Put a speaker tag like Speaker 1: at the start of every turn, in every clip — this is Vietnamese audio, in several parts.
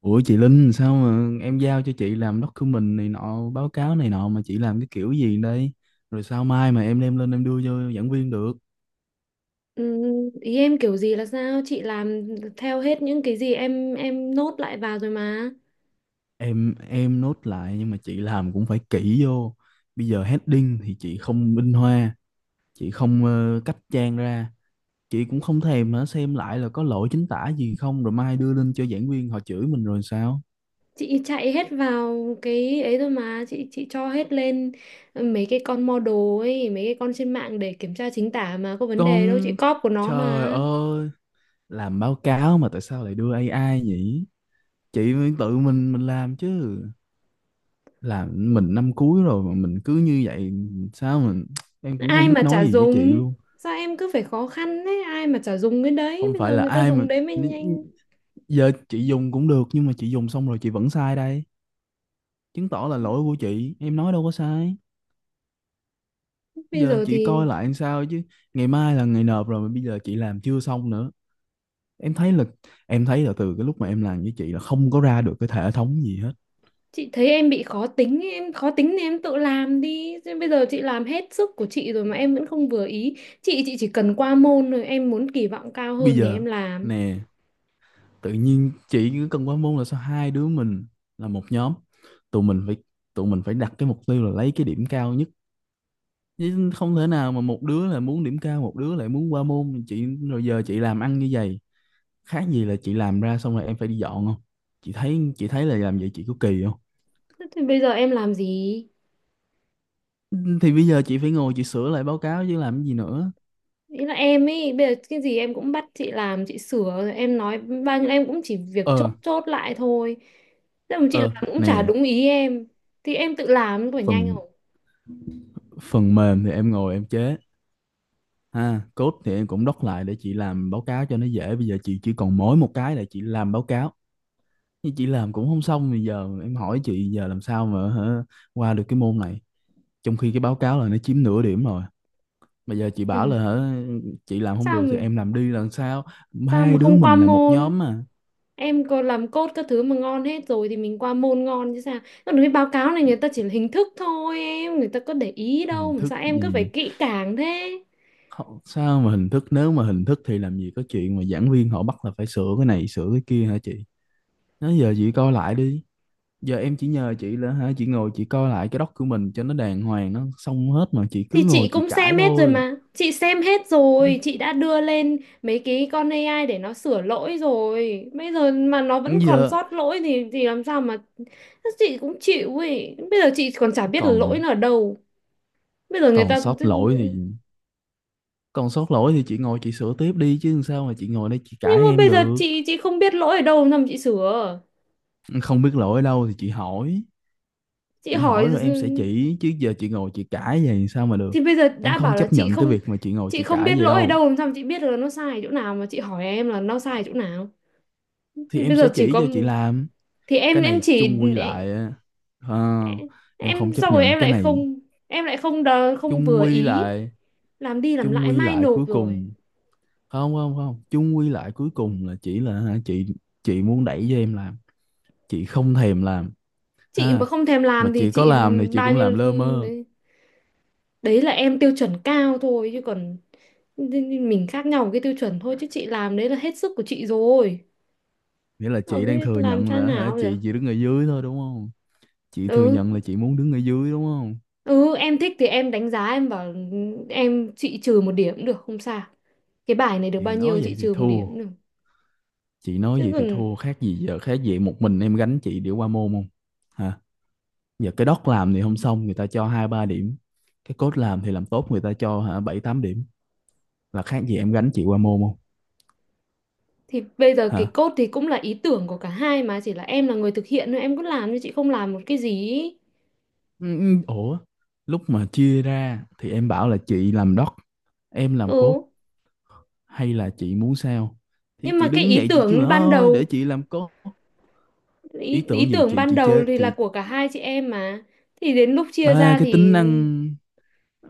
Speaker 1: Ủa chị Linh sao mà em giao cho chị làm document này nọ, báo cáo này nọ mà chị làm cái kiểu gì đây? Rồi sao mai mà em đem lên em đưa cho giảng viên được?
Speaker 2: Ừ, ý em kiểu gì là sao chị làm theo hết những cái gì em nốt lại vào rồi mà
Speaker 1: Em nốt lại nhưng mà chị làm cũng phải kỹ vô. Bây giờ heading thì chị không minh hoa, chị không cách trang ra, chị cũng không thèm hả xem lại là có lỗi chính tả gì không rồi mai đưa lên cho giảng viên họ chửi mình rồi sao?
Speaker 2: chị chạy hết vào cái ấy rồi mà chị cho hết lên mấy cái con model ấy mấy cái con trên mạng để kiểm tra chính tả mà có vấn đề đâu chị
Speaker 1: Con,
Speaker 2: cóp của nó
Speaker 1: trời
Speaker 2: mà.
Speaker 1: ơi, làm báo cáo mà tại sao lại đưa AI nhỉ? Chị phải tự mình làm chứ. Là mình năm cuối rồi mà mình cứ như vậy sao mà em cũng
Speaker 2: Ai
Speaker 1: không biết
Speaker 2: mà chả
Speaker 1: nói gì với chị
Speaker 2: dùng,
Speaker 1: luôn.
Speaker 2: sao em cứ phải khó khăn đấy, ai mà chả dùng cái đấy,
Speaker 1: Không
Speaker 2: bây
Speaker 1: phải
Speaker 2: giờ
Speaker 1: là
Speaker 2: người ta
Speaker 1: ai mà
Speaker 2: dùng đấy mới nhanh.
Speaker 1: giờ chị dùng cũng được nhưng mà chị dùng xong rồi chị vẫn sai đây, chứng tỏ là lỗi của chị, em nói đâu có sai. Bây
Speaker 2: Bây
Speaker 1: giờ
Speaker 2: giờ
Speaker 1: chị coi
Speaker 2: thì
Speaker 1: lại làm sao chứ, ngày mai là ngày nộp rồi mà bây giờ chị làm chưa xong nữa. em thấy là em thấy là từ cái lúc mà em làm với chị là không có ra được cái hệ thống gì hết.
Speaker 2: Chị thấy em bị khó tính, ấy, em khó tính thì em tự làm đi. Chứ bây giờ chị làm hết sức của chị rồi mà em vẫn không vừa ý. Chị chỉ cần qua môn, rồi em muốn kỳ vọng cao
Speaker 1: Bây
Speaker 2: hơn thì em
Speaker 1: giờ,
Speaker 2: làm.
Speaker 1: nè, tự nhiên chị cứ cần quá môn là sao? Hai đứa mình là một nhóm, tụi mình phải tụi mình phải đặt cái mục tiêu là lấy cái điểm cao nhất, chứ không thể nào mà một đứa là muốn điểm cao một đứa lại muốn qua môn. Chị, rồi giờ chị làm ăn như vậy khác gì là chị làm ra xong rồi em phải đi dọn không? Chị thấy là làm vậy chị có kỳ không?
Speaker 2: Thế thì bây giờ em làm gì?
Speaker 1: Thì bây giờ chị phải ngồi chị sửa lại báo cáo chứ làm cái gì nữa.
Speaker 2: Ý là em ấy, bây giờ cái gì em cũng bắt chị làm, chị sửa, rồi em nói bao nhiêu em cũng chỉ việc chốt
Speaker 1: Ờ.
Speaker 2: chốt lại thôi. Thế mà chị
Speaker 1: Ờ,
Speaker 2: làm cũng chả
Speaker 1: nè,
Speaker 2: đúng ý em. Thì em tự làm có phải nhanh
Speaker 1: phần
Speaker 2: không?
Speaker 1: phần mềm thì em ngồi em chế. À, code thì em cũng doc lại để chị làm báo cáo cho nó dễ. Bây giờ chị chỉ còn mỗi một cái là chị làm báo cáo. Nhưng chị làm cũng không xong. Bây giờ em hỏi chị giờ làm sao mà hả, qua được cái môn này. Trong khi cái báo cáo là nó chiếm nửa điểm rồi. Bây giờ chị bảo
Speaker 2: Ừ.
Speaker 1: là hả, chị làm không
Speaker 2: Sao
Speaker 1: được
Speaker 2: mà,
Speaker 1: thì em làm đi làm sao?
Speaker 2: sao
Speaker 1: Hai
Speaker 2: mà
Speaker 1: đứa
Speaker 2: không qua
Speaker 1: mình là một
Speaker 2: môn?
Speaker 1: nhóm mà.
Speaker 2: Em có làm code các thứ mà ngon hết rồi thì mình qua môn ngon chứ sao. Còn cái báo cáo này người ta chỉ là hình thức thôi em, người ta có để ý đâu
Speaker 1: Hình
Speaker 2: mà
Speaker 1: thức
Speaker 2: sao em cứ phải
Speaker 1: gì?
Speaker 2: kỹ càng thế.
Speaker 1: Sao mà hình thức? Nếu mà hình thức thì làm gì có chuyện mà giảng viên họ bắt là phải sửa cái này sửa cái kia hả chị? Nói giờ chị coi lại đi. Giờ em chỉ nhờ chị là hả, chị ngồi chị coi lại cái doc của mình cho nó đàng hoàng, nó xong hết, mà chị cứ
Speaker 2: Thì chị
Speaker 1: ngồi chị
Speaker 2: cũng
Speaker 1: cãi
Speaker 2: xem hết rồi
Speaker 1: thôi.
Speaker 2: mà, chị xem hết rồi, chị đã đưa lên mấy cái con AI để nó sửa lỗi rồi, bây giờ mà nó vẫn còn
Speaker 1: Giờ
Speaker 2: sót lỗi thì làm sao mà, chị cũng chịu ấy, bây giờ chị còn chả biết là lỗi
Speaker 1: còn
Speaker 2: nó ở đâu. Bây giờ người
Speaker 1: còn
Speaker 2: ta
Speaker 1: sót lỗi thì còn sót lỗi thì chị ngồi chị sửa tiếp đi chứ làm sao mà chị ngồi đây chị
Speaker 2: Nhưng
Speaker 1: cãi
Speaker 2: mà
Speaker 1: em
Speaker 2: bây giờ
Speaker 1: được.
Speaker 2: chị không biết lỗi ở đâu làm sao mà chị sửa.
Speaker 1: Không biết lỗi ở đâu thì chị hỏi,
Speaker 2: Chị
Speaker 1: chị
Speaker 2: hỏi?
Speaker 1: hỏi rồi em sẽ chỉ, chứ giờ chị ngồi chị cãi vậy sao mà được?
Speaker 2: Thì bây giờ
Speaker 1: Em
Speaker 2: đã
Speaker 1: không
Speaker 2: bảo là
Speaker 1: chấp
Speaker 2: chị
Speaker 1: nhận cái
Speaker 2: không,
Speaker 1: việc mà chị ngồi
Speaker 2: chị
Speaker 1: chị
Speaker 2: không
Speaker 1: cãi
Speaker 2: biết
Speaker 1: vậy
Speaker 2: lỗi ở
Speaker 1: đâu,
Speaker 2: đâu làm sao mà chị biết được là nó sai ở chỗ nào mà chị hỏi em là nó sai ở chỗ nào.
Speaker 1: thì
Speaker 2: Thì
Speaker 1: em
Speaker 2: bây giờ
Speaker 1: sẽ
Speaker 2: chỉ
Speaker 1: chỉ
Speaker 2: có,
Speaker 1: cho chị làm.
Speaker 2: thì em
Speaker 1: Cái
Speaker 2: em
Speaker 1: này
Speaker 2: chỉ
Speaker 1: chung quy
Speaker 2: em,
Speaker 1: lại á, ờ, em
Speaker 2: em
Speaker 1: không chấp
Speaker 2: xong rồi
Speaker 1: nhận
Speaker 2: em
Speaker 1: cái
Speaker 2: lại
Speaker 1: này.
Speaker 2: không, em lại không không
Speaker 1: chung
Speaker 2: vừa
Speaker 1: quy
Speaker 2: ý,
Speaker 1: lại
Speaker 2: làm đi làm
Speaker 1: Chung
Speaker 2: lại
Speaker 1: quy
Speaker 2: mai
Speaker 1: lại
Speaker 2: nộp
Speaker 1: cuối
Speaker 2: rồi.
Speaker 1: cùng, không, không, không, chung quy lại cuối cùng là chỉ là hả, chị muốn đẩy cho em làm, chị không thèm làm,
Speaker 2: Chị
Speaker 1: ha,
Speaker 2: mà không thèm
Speaker 1: mà
Speaker 2: làm thì
Speaker 1: chị có
Speaker 2: chị
Speaker 1: làm thì chị
Speaker 2: bao
Speaker 1: cũng
Speaker 2: nhiêu,
Speaker 1: làm lơ mơ.
Speaker 2: đấy, đấy là em tiêu chuẩn cao thôi, chứ còn mình khác nhau một cái tiêu chuẩn thôi, chứ chị làm đấy là hết sức của chị rồi.
Speaker 1: Nghĩa là
Speaker 2: Rồi
Speaker 1: chị đang
Speaker 2: biết
Speaker 1: thừa
Speaker 2: làm
Speaker 1: nhận
Speaker 2: sao
Speaker 1: là hả,
Speaker 2: nào giờ.
Speaker 1: chị chỉ đứng ở dưới thôi đúng không? Chị thừa
Speaker 2: Ừ.
Speaker 1: nhận là chị muốn đứng ở dưới đúng không?
Speaker 2: Ừ, em thích thì em đánh giá em bảo em, chị trừ một điểm cũng được, không sao. Cái bài này được bao
Speaker 1: Chị nói
Speaker 2: nhiêu
Speaker 1: vậy
Speaker 2: chị
Speaker 1: thì
Speaker 2: trừ một điểm
Speaker 1: thua,
Speaker 2: cũng được. Chứ còn
Speaker 1: khác gì giờ, khác gì một mình em gánh chị để qua môn không? Hả? Giờ cái doc làm thì không xong người ta cho hai ba điểm, cái code làm thì làm tốt người ta cho hả bảy tám điểm, là khác gì em gánh chị qua môn không?
Speaker 2: thì bây giờ
Speaker 1: Hả?
Speaker 2: cái code thì cũng là ý tưởng của cả hai mà, chỉ là em là người thực hiện thôi, em cứ làm nhưng chị không làm một cái gì. Ý.
Speaker 1: Ừ, ừ, ủa, lúc mà chia ra thì em bảo là chị làm doc, em làm code,
Speaker 2: Ừ.
Speaker 1: hay là chị muốn sao? Thì
Speaker 2: Nhưng mà
Speaker 1: chị
Speaker 2: cái
Speaker 1: đứng
Speaker 2: ý
Speaker 1: dậy chị kêu là
Speaker 2: tưởng ban
Speaker 1: thôi để
Speaker 2: đầu,
Speaker 1: chị làm code. Ý
Speaker 2: ý, ý
Speaker 1: tưởng gì
Speaker 2: tưởng
Speaker 1: chị,
Speaker 2: ban
Speaker 1: chị
Speaker 2: đầu
Speaker 1: chế
Speaker 2: thì là
Speaker 1: chị
Speaker 2: của cả hai chị em mà. Thì đến lúc chia
Speaker 1: ba
Speaker 2: ra
Speaker 1: cái tính
Speaker 2: thì
Speaker 1: năng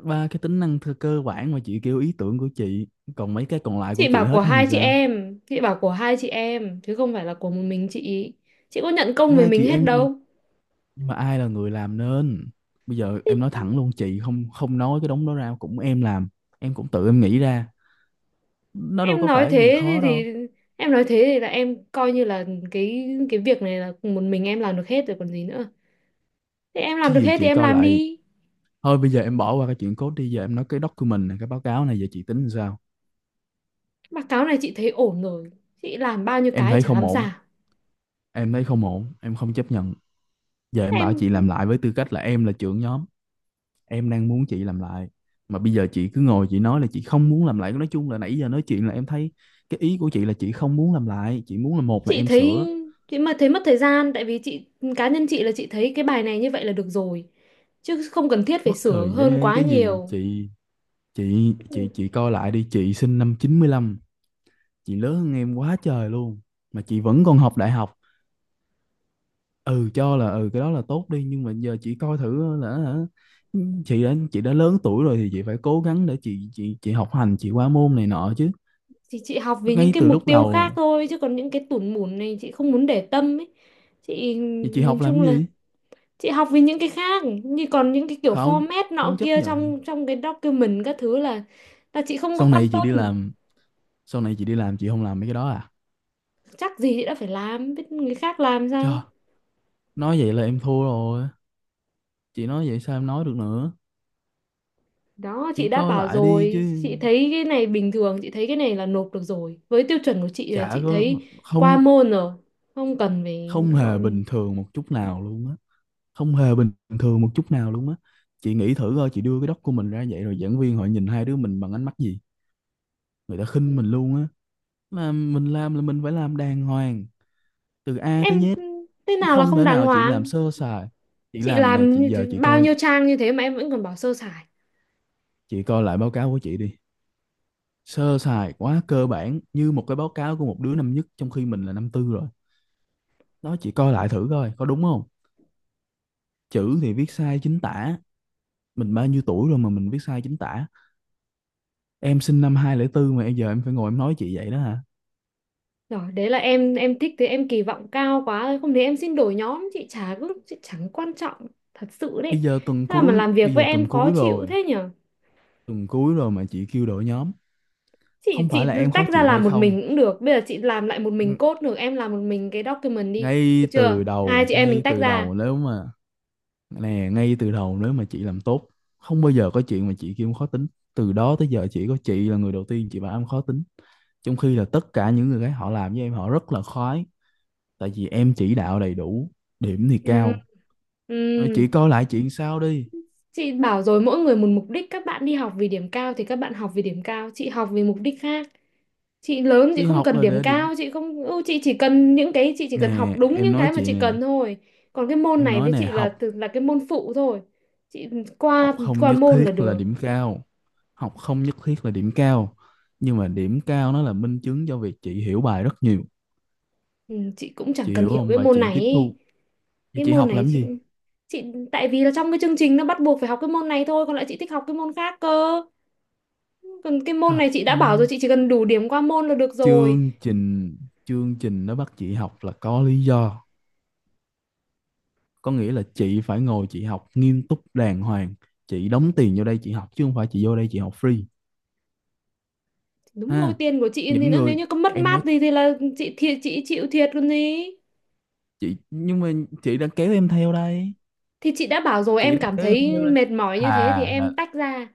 Speaker 1: ba cái tính năng thơ- cơ bản mà chị kêu ý tưởng của chị, còn mấy cái còn lại của
Speaker 2: chị
Speaker 1: chị
Speaker 2: bảo của
Speaker 1: hết hay
Speaker 2: hai chị
Speaker 1: sao?
Speaker 2: em, chị bảo của hai chị em chứ không phải là của một mình chị. Chị có nhận công về
Speaker 1: Hai
Speaker 2: mình
Speaker 1: chị
Speaker 2: hết
Speaker 1: em nhưng mà,
Speaker 2: đâu.
Speaker 1: nhưng mà ai là người làm nên, bây giờ em nói thẳng luôn, chị không, không nói cái đống đó ra cũng em làm, em cũng tự em nghĩ ra, nó đâu
Speaker 2: Em
Speaker 1: có
Speaker 2: nói
Speaker 1: phải gì
Speaker 2: thế
Speaker 1: khó đâu.
Speaker 2: thì em nói thế thì là em coi như là cái việc này là một mình em làm được hết rồi còn gì nữa. Thế em làm
Speaker 1: Chứ
Speaker 2: được
Speaker 1: gì
Speaker 2: hết thì
Speaker 1: chị
Speaker 2: em
Speaker 1: coi
Speaker 2: làm
Speaker 1: lại.
Speaker 2: đi.
Speaker 1: Thôi bây giờ em bỏ qua cái chuyện code đi, giờ em nói cái document này, cái báo cáo này, giờ chị tính làm sao?
Speaker 2: Báo cáo này chị thấy ổn rồi, chị làm bao nhiêu
Speaker 1: Em
Speaker 2: cái
Speaker 1: thấy
Speaker 2: chả
Speaker 1: không
Speaker 2: làm
Speaker 1: ổn,
Speaker 2: sao.
Speaker 1: em không chấp nhận. Giờ em bảo
Speaker 2: Em,
Speaker 1: chị làm lại, với tư cách là em là trưởng nhóm, em đang muốn chị làm lại, mà bây giờ chị cứ ngồi chị nói là chị không muốn làm lại. Nói chung là nãy giờ nói chuyện là em thấy cái ý của chị là chị không muốn làm lại, chị muốn là một là
Speaker 2: chị
Speaker 1: em
Speaker 2: thấy,
Speaker 1: sửa.
Speaker 2: chị mà thấy mất thời gian tại vì chị, cá nhân chị là chị thấy cái bài này như vậy là được rồi, chứ không cần thiết phải
Speaker 1: Mất
Speaker 2: sửa
Speaker 1: thời
Speaker 2: hơn
Speaker 1: gian
Speaker 2: quá
Speaker 1: cái gì
Speaker 2: nhiều.
Speaker 1: chị chị
Speaker 2: Ừ,
Speaker 1: chị chị coi lại đi, chị sinh năm chín mươi lăm, chị lớn hơn em quá trời luôn mà chị vẫn còn học đại học. Ừ, cho là ừ cái đó là tốt đi, nhưng mà giờ chị coi thử là hả, chị đã lớn tuổi rồi thì chị phải cố gắng để chị học hành, chị qua môn này nọ chứ.
Speaker 2: thì chị học vì những
Speaker 1: Ngay
Speaker 2: cái
Speaker 1: từ
Speaker 2: mục
Speaker 1: lúc
Speaker 2: tiêu khác
Speaker 1: đầu
Speaker 2: thôi, chứ còn những cái tủn mủn này chị không muốn để tâm ấy. Chị,
Speaker 1: thì chị
Speaker 2: nhìn
Speaker 1: học làm
Speaker 2: chung
Speaker 1: cái
Speaker 2: là
Speaker 1: gì?
Speaker 2: chị học với những cái khác, như còn những cái kiểu
Speaker 1: Không,
Speaker 2: format
Speaker 1: không
Speaker 2: nọ
Speaker 1: chấp
Speaker 2: kia
Speaker 1: nhận.
Speaker 2: trong trong cái document các thứ là chị không có
Speaker 1: Sau
Speaker 2: quan
Speaker 1: này chị đi
Speaker 2: tâm.
Speaker 1: làm, chị không làm mấy cái đó à?
Speaker 2: Chắc gì chị đã phải làm, biết người khác làm
Speaker 1: Trời,
Speaker 2: sao.
Speaker 1: nói vậy là em thua rồi, chị nói vậy sao em nói được nữa?
Speaker 2: Đó chị
Speaker 1: Chị
Speaker 2: đã
Speaker 1: coi
Speaker 2: bảo
Speaker 1: lại đi
Speaker 2: rồi,
Speaker 1: chứ.
Speaker 2: chị thấy cái này bình thường, chị thấy cái này là nộp được rồi, với tiêu chuẩn của chị là
Speaker 1: Chả
Speaker 2: chị
Speaker 1: có,
Speaker 2: thấy qua
Speaker 1: không,
Speaker 2: môn rồi, không cần phải
Speaker 1: không hề
Speaker 2: gọi
Speaker 1: bình thường một chút nào luôn á không hề bình thường một chút nào luôn á. Chị nghĩ thử coi, chị đưa cái doc của mình ra vậy rồi giảng viên họ nhìn hai đứa mình bằng ánh mắt gì? Người ta khinh mình luôn á. Mà mình làm là mình phải làm đàng hoàng, từ A tới
Speaker 2: em.
Speaker 1: Z,
Speaker 2: Thế
Speaker 1: chứ
Speaker 2: nào là
Speaker 1: không
Speaker 2: không
Speaker 1: thể
Speaker 2: đàng
Speaker 1: nào chị làm
Speaker 2: hoàng?
Speaker 1: sơ sài. Chị
Speaker 2: Chị
Speaker 1: làm, nè,
Speaker 2: làm
Speaker 1: chị,
Speaker 2: như
Speaker 1: giờ
Speaker 2: thế-
Speaker 1: chị
Speaker 2: Bao
Speaker 1: coi,
Speaker 2: nhiêu trang như thế mà em vẫn còn bảo sơ sài.
Speaker 1: chị coi lại báo cáo của chị đi, sơ sài quá, cơ bản như một cái báo cáo của một đứa năm nhất trong khi mình là năm tư rồi. Đó, chị coi lại thử coi có đúng không. Chữ thì viết sai chính tả, mình bao nhiêu tuổi rồi mà mình viết sai chính tả? Em sinh năm 2004 mà bây giờ em phải ngồi em nói chị vậy đó hả?
Speaker 2: Rồi, đấy là em thích thế, em kỳ vọng cao quá thôi. Không thì em xin đổi nhóm, chị chả cứ, chị chẳng quan trọng thật sự đấy. Sao mà làm việc
Speaker 1: Bây
Speaker 2: với
Speaker 1: giờ tuần
Speaker 2: em khó
Speaker 1: cuối
Speaker 2: chịu
Speaker 1: rồi,
Speaker 2: thế nhở?
Speaker 1: tuần cuối rồi mà chị kêu đổi nhóm?
Speaker 2: Chị
Speaker 1: Không phải
Speaker 2: chị
Speaker 1: là em
Speaker 2: tách
Speaker 1: khó
Speaker 2: ra
Speaker 1: chịu hay
Speaker 2: làm một
Speaker 1: không.
Speaker 2: mình cũng được. Bây giờ chị làm lại một mình
Speaker 1: Ng-
Speaker 2: code được, em làm một mình cái document đi.
Speaker 1: ngay
Speaker 2: Được chưa?
Speaker 1: từ
Speaker 2: Hai
Speaker 1: đầu
Speaker 2: chị em mình
Speaker 1: ngay
Speaker 2: tách
Speaker 1: từ
Speaker 2: ra.
Speaker 1: đầu nếu mà nè Ngay từ đầu nếu mà chị làm tốt, không bao giờ có chuyện mà chị kêu em khó tính. Từ đó tới giờ chỉ có chị là người đầu tiên chị bảo em khó tính, trong khi là tất cả những người khác họ làm với em họ rất là khoái, tại vì em chỉ đạo đầy đủ, điểm thì
Speaker 2: Ừ,
Speaker 1: cao.
Speaker 2: ừ.
Speaker 1: Rồi chị coi lại chuyện sau đi.
Speaker 2: Chị bảo rồi, mỗi người một mục đích, các bạn đi học vì điểm cao thì các bạn học vì điểm cao, chị học vì mục đích khác. Chị lớn, chị
Speaker 1: Đi
Speaker 2: không
Speaker 1: học
Speaker 2: cần
Speaker 1: là
Speaker 2: điểm
Speaker 1: để điểm.
Speaker 2: cao, chị không chị chỉ cần những cái, chị chỉ cần học
Speaker 1: Nè,
Speaker 2: đúng
Speaker 1: em
Speaker 2: những
Speaker 1: nói
Speaker 2: cái mà
Speaker 1: chị
Speaker 2: chị
Speaker 1: nè,
Speaker 2: cần thôi. Còn cái môn
Speaker 1: em
Speaker 2: này
Speaker 1: nói
Speaker 2: với
Speaker 1: nè,
Speaker 2: chị là
Speaker 1: học,
Speaker 2: từ là cái môn phụ thôi. Chị
Speaker 1: học
Speaker 2: qua,
Speaker 1: không
Speaker 2: qua
Speaker 1: nhất
Speaker 2: môn là
Speaker 1: thiết là
Speaker 2: được.
Speaker 1: điểm cao học không nhất thiết là điểm cao, nhưng mà điểm cao nó là minh chứng cho việc chị hiểu bài rất nhiều,
Speaker 2: Ừ, chị cũng chẳng
Speaker 1: chị
Speaker 2: cần
Speaker 1: hiểu
Speaker 2: hiểu
Speaker 1: không,
Speaker 2: cái
Speaker 1: và
Speaker 2: môn
Speaker 1: chị
Speaker 2: này
Speaker 1: tiếp
Speaker 2: ý.
Speaker 1: thu. Vậy
Speaker 2: Cái
Speaker 1: chị
Speaker 2: môn
Speaker 1: học
Speaker 2: này
Speaker 1: làm
Speaker 2: chị
Speaker 1: gì?
Speaker 2: chị tại vì là trong cái chương trình nó bắt buộc phải học cái môn này thôi, còn lại chị thích học cái môn khác cơ. Còn cái môn
Speaker 1: Hả?
Speaker 2: này chị
Speaker 1: Ờ,
Speaker 2: đã bảo rồi, chị chỉ cần đủ điểm qua môn là được rồi.
Speaker 1: chương trình chương trình nó bắt chị học là có lý do, có nghĩa là chị phải ngồi chị học nghiêm túc đàng hoàng. Chị đóng tiền vô đây chị học, chứ không phải chị vô đây chị học free.
Speaker 2: Đúng rồi,
Speaker 1: Ha,
Speaker 2: tiền của chị thì
Speaker 1: những
Speaker 2: nữa, nếu
Speaker 1: người,
Speaker 2: như có mất
Speaker 1: em nói,
Speaker 2: mát gì thì là chị thiệt, chị chịu thiệt còn gì.
Speaker 1: chị, nhưng mà chị đã kéo em theo đây.
Speaker 2: Thì chị đã bảo rồi, em cảm
Speaker 1: Để em nêu
Speaker 2: thấy
Speaker 1: lên.
Speaker 2: mệt mỏi như thế thì
Speaker 1: thà là,
Speaker 2: em tách ra,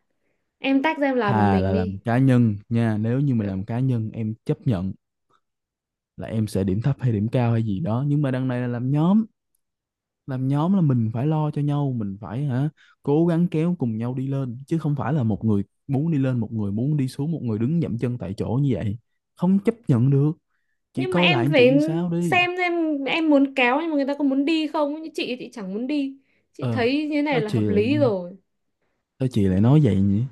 Speaker 2: em tách ra em làm một
Speaker 1: thà là
Speaker 2: mình
Speaker 1: làm
Speaker 2: đi.
Speaker 1: cá nhân nha, nếu như mà
Speaker 2: Ờ,
Speaker 1: làm cá nhân em chấp nhận là em sẽ điểm thấp hay điểm cao hay gì đó, nhưng mà đằng này là làm nhóm. Làm nhóm là mình phải lo cho nhau, mình phải hả, cố gắng kéo cùng nhau đi lên, chứ không phải là một người muốn đi lên, một người muốn đi xuống, một người đứng dậm chân tại chỗ như vậy. Không chấp nhận được. Chị
Speaker 2: nhưng mà
Speaker 1: coi
Speaker 2: em
Speaker 1: lại anh
Speaker 2: phải
Speaker 1: chị sao đi.
Speaker 2: xem em muốn kéo nhưng mà người ta có muốn đi không? Như chị chẳng muốn đi. Chị
Speaker 1: Ờ,
Speaker 2: thấy như thế này
Speaker 1: sao
Speaker 2: là
Speaker 1: chị
Speaker 2: hợp lý
Speaker 1: lại-
Speaker 2: rồi.
Speaker 1: sao chị lại nói vậy nhỉ?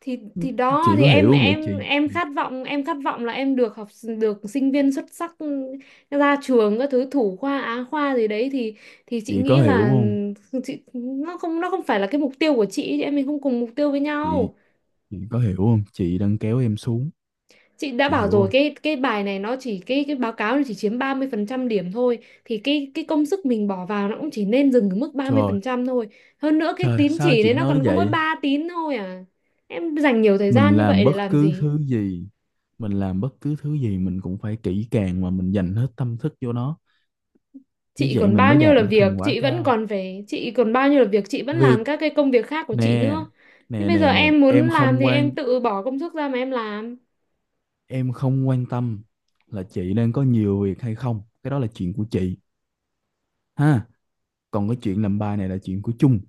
Speaker 2: Thì đó
Speaker 1: Chị
Speaker 2: thì
Speaker 1: có
Speaker 2: em
Speaker 1: hiểu không vậy
Speaker 2: em em khát vọng, em khát vọng là em được học, được sinh viên xuất sắc ra trường các thứ, thủ khoa á khoa gì đấy thì chị
Speaker 1: chị có
Speaker 2: nghĩ
Speaker 1: hiểu
Speaker 2: là
Speaker 1: không
Speaker 2: ừ, chị nó không, nó không phải là cái mục tiêu của chị em mình không cùng mục tiêu với
Speaker 1: chị
Speaker 2: nhau.
Speaker 1: chị có hiểu không, chị đang kéo em xuống,
Speaker 2: Chị đã
Speaker 1: chị
Speaker 2: bảo
Speaker 1: hiểu
Speaker 2: rồi
Speaker 1: không?
Speaker 2: cái bài này nó chỉ, cái báo cáo này chỉ chiếm 30% điểm thôi, thì cái công sức mình bỏ vào nó cũng chỉ nên dừng ở mức ba mươi
Speaker 1: Trời,
Speaker 2: phần trăm thôi. Hơn nữa cái
Speaker 1: trời
Speaker 2: tín
Speaker 1: sao
Speaker 2: chỉ đấy
Speaker 1: chị
Speaker 2: nó
Speaker 1: nói
Speaker 2: còn có mỗi
Speaker 1: vậy?
Speaker 2: 3 tín thôi à. Em dành nhiều thời gian
Speaker 1: Mình
Speaker 2: như
Speaker 1: làm
Speaker 2: vậy để
Speaker 1: bất
Speaker 2: làm
Speaker 1: cứ
Speaker 2: gì?
Speaker 1: thứ gì, mình cũng phải kỹ càng mà, mình dành hết tâm thức vô nó, như
Speaker 2: Chị
Speaker 1: vậy
Speaker 2: còn
Speaker 1: mình
Speaker 2: bao
Speaker 1: mới
Speaker 2: nhiêu
Speaker 1: đạt
Speaker 2: là
Speaker 1: được
Speaker 2: việc,
Speaker 1: thành quả
Speaker 2: chị vẫn
Speaker 1: cao.
Speaker 2: còn phải, chị còn bao nhiêu là việc, chị vẫn
Speaker 1: Việc,
Speaker 2: làm các cái công việc khác của chị
Speaker 1: nè
Speaker 2: nữa. Thế
Speaker 1: nè
Speaker 2: bây giờ
Speaker 1: nè nè
Speaker 2: em muốn làm thì em tự bỏ công sức ra mà em làm.
Speaker 1: em không quan tâm là chị đang có nhiều việc hay không, cái đó là chuyện của chị, ha. Còn cái chuyện làm bài này là chuyện của chung.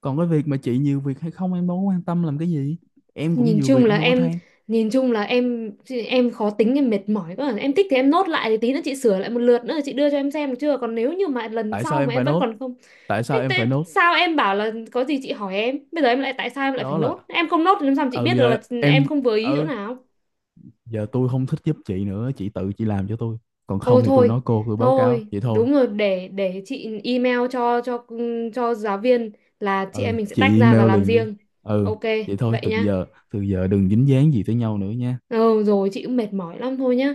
Speaker 1: Còn cái việc mà chị nhiều việc hay không em đâu có quan tâm làm cái gì, em cũng
Speaker 2: nhìn
Speaker 1: nhiều
Speaker 2: chung
Speaker 1: việc
Speaker 2: là
Speaker 1: em đâu có
Speaker 2: em
Speaker 1: than.
Speaker 2: nhìn chung là em em khó tính, em mệt mỏi quá, em thích thì em nốt lại thì tí nữa chị sửa lại một lượt nữa chị đưa cho em xem được chưa, còn nếu như mà lần
Speaker 1: tại sao
Speaker 2: sau mà
Speaker 1: em
Speaker 2: em
Speaker 1: phải
Speaker 2: vẫn
Speaker 1: nốt
Speaker 2: còn không.
Speaker 1: tại
Speaker 2: Thế,
Speaker 1: sao em
Speaker 2: thế
Speaker 1: phải nốt
Speaker 2: sao em bảo là có gì chị hỏi em, bây giờ em lại tại sao em lại phải
Speaker 1: Đó là,
Speaker 2: nốt, em không nốt thì làm sao mà chị
Speaker 1: ừ
Speaker 2: biết được
Speaker 1: giờ
Speaker 2: là em
Speaker 1: em,
Speaker 2: không vừa ý chỗ
Speaker 1: ừ,
Speaker 2: nào.
Speaker 1: giờ tôi không thích giúp chị nữa, chị tự chị làm cho tôi. Còn
Speaker 2: Ôi
Speaker 1: không thì tôi
Speaker 2: thôi,
Speaker 1: nói cô, tôi báo cáo
Speaker 2: thôi
Speaker 1: vậy thôi.
Speaker 2: đúng rồi, để chị email cho giáo viên là chị em
Speaker 1: Ừ,
Speaker 2: mình sẽ tách
Speaker 1: chị
Speaker 2: ra và
Speaker 1: email
Speaker 2: làm
Speaker 1: liền đi.
Speaker 2: riêng.
Speaker 1: Ừ,
Speaker 2: Ok.
Speaker 1: vậy thôi,
Speaker 2: Vậy
Speaker 1: từ
Speaker 2: nhá.
Speaker 1: giờ từ giờ đừng dính dáng gì tới nhau nữa nha.
Speaker 2: Ừ, rồi chị cũng mệt mỏi lắm thôi nhá.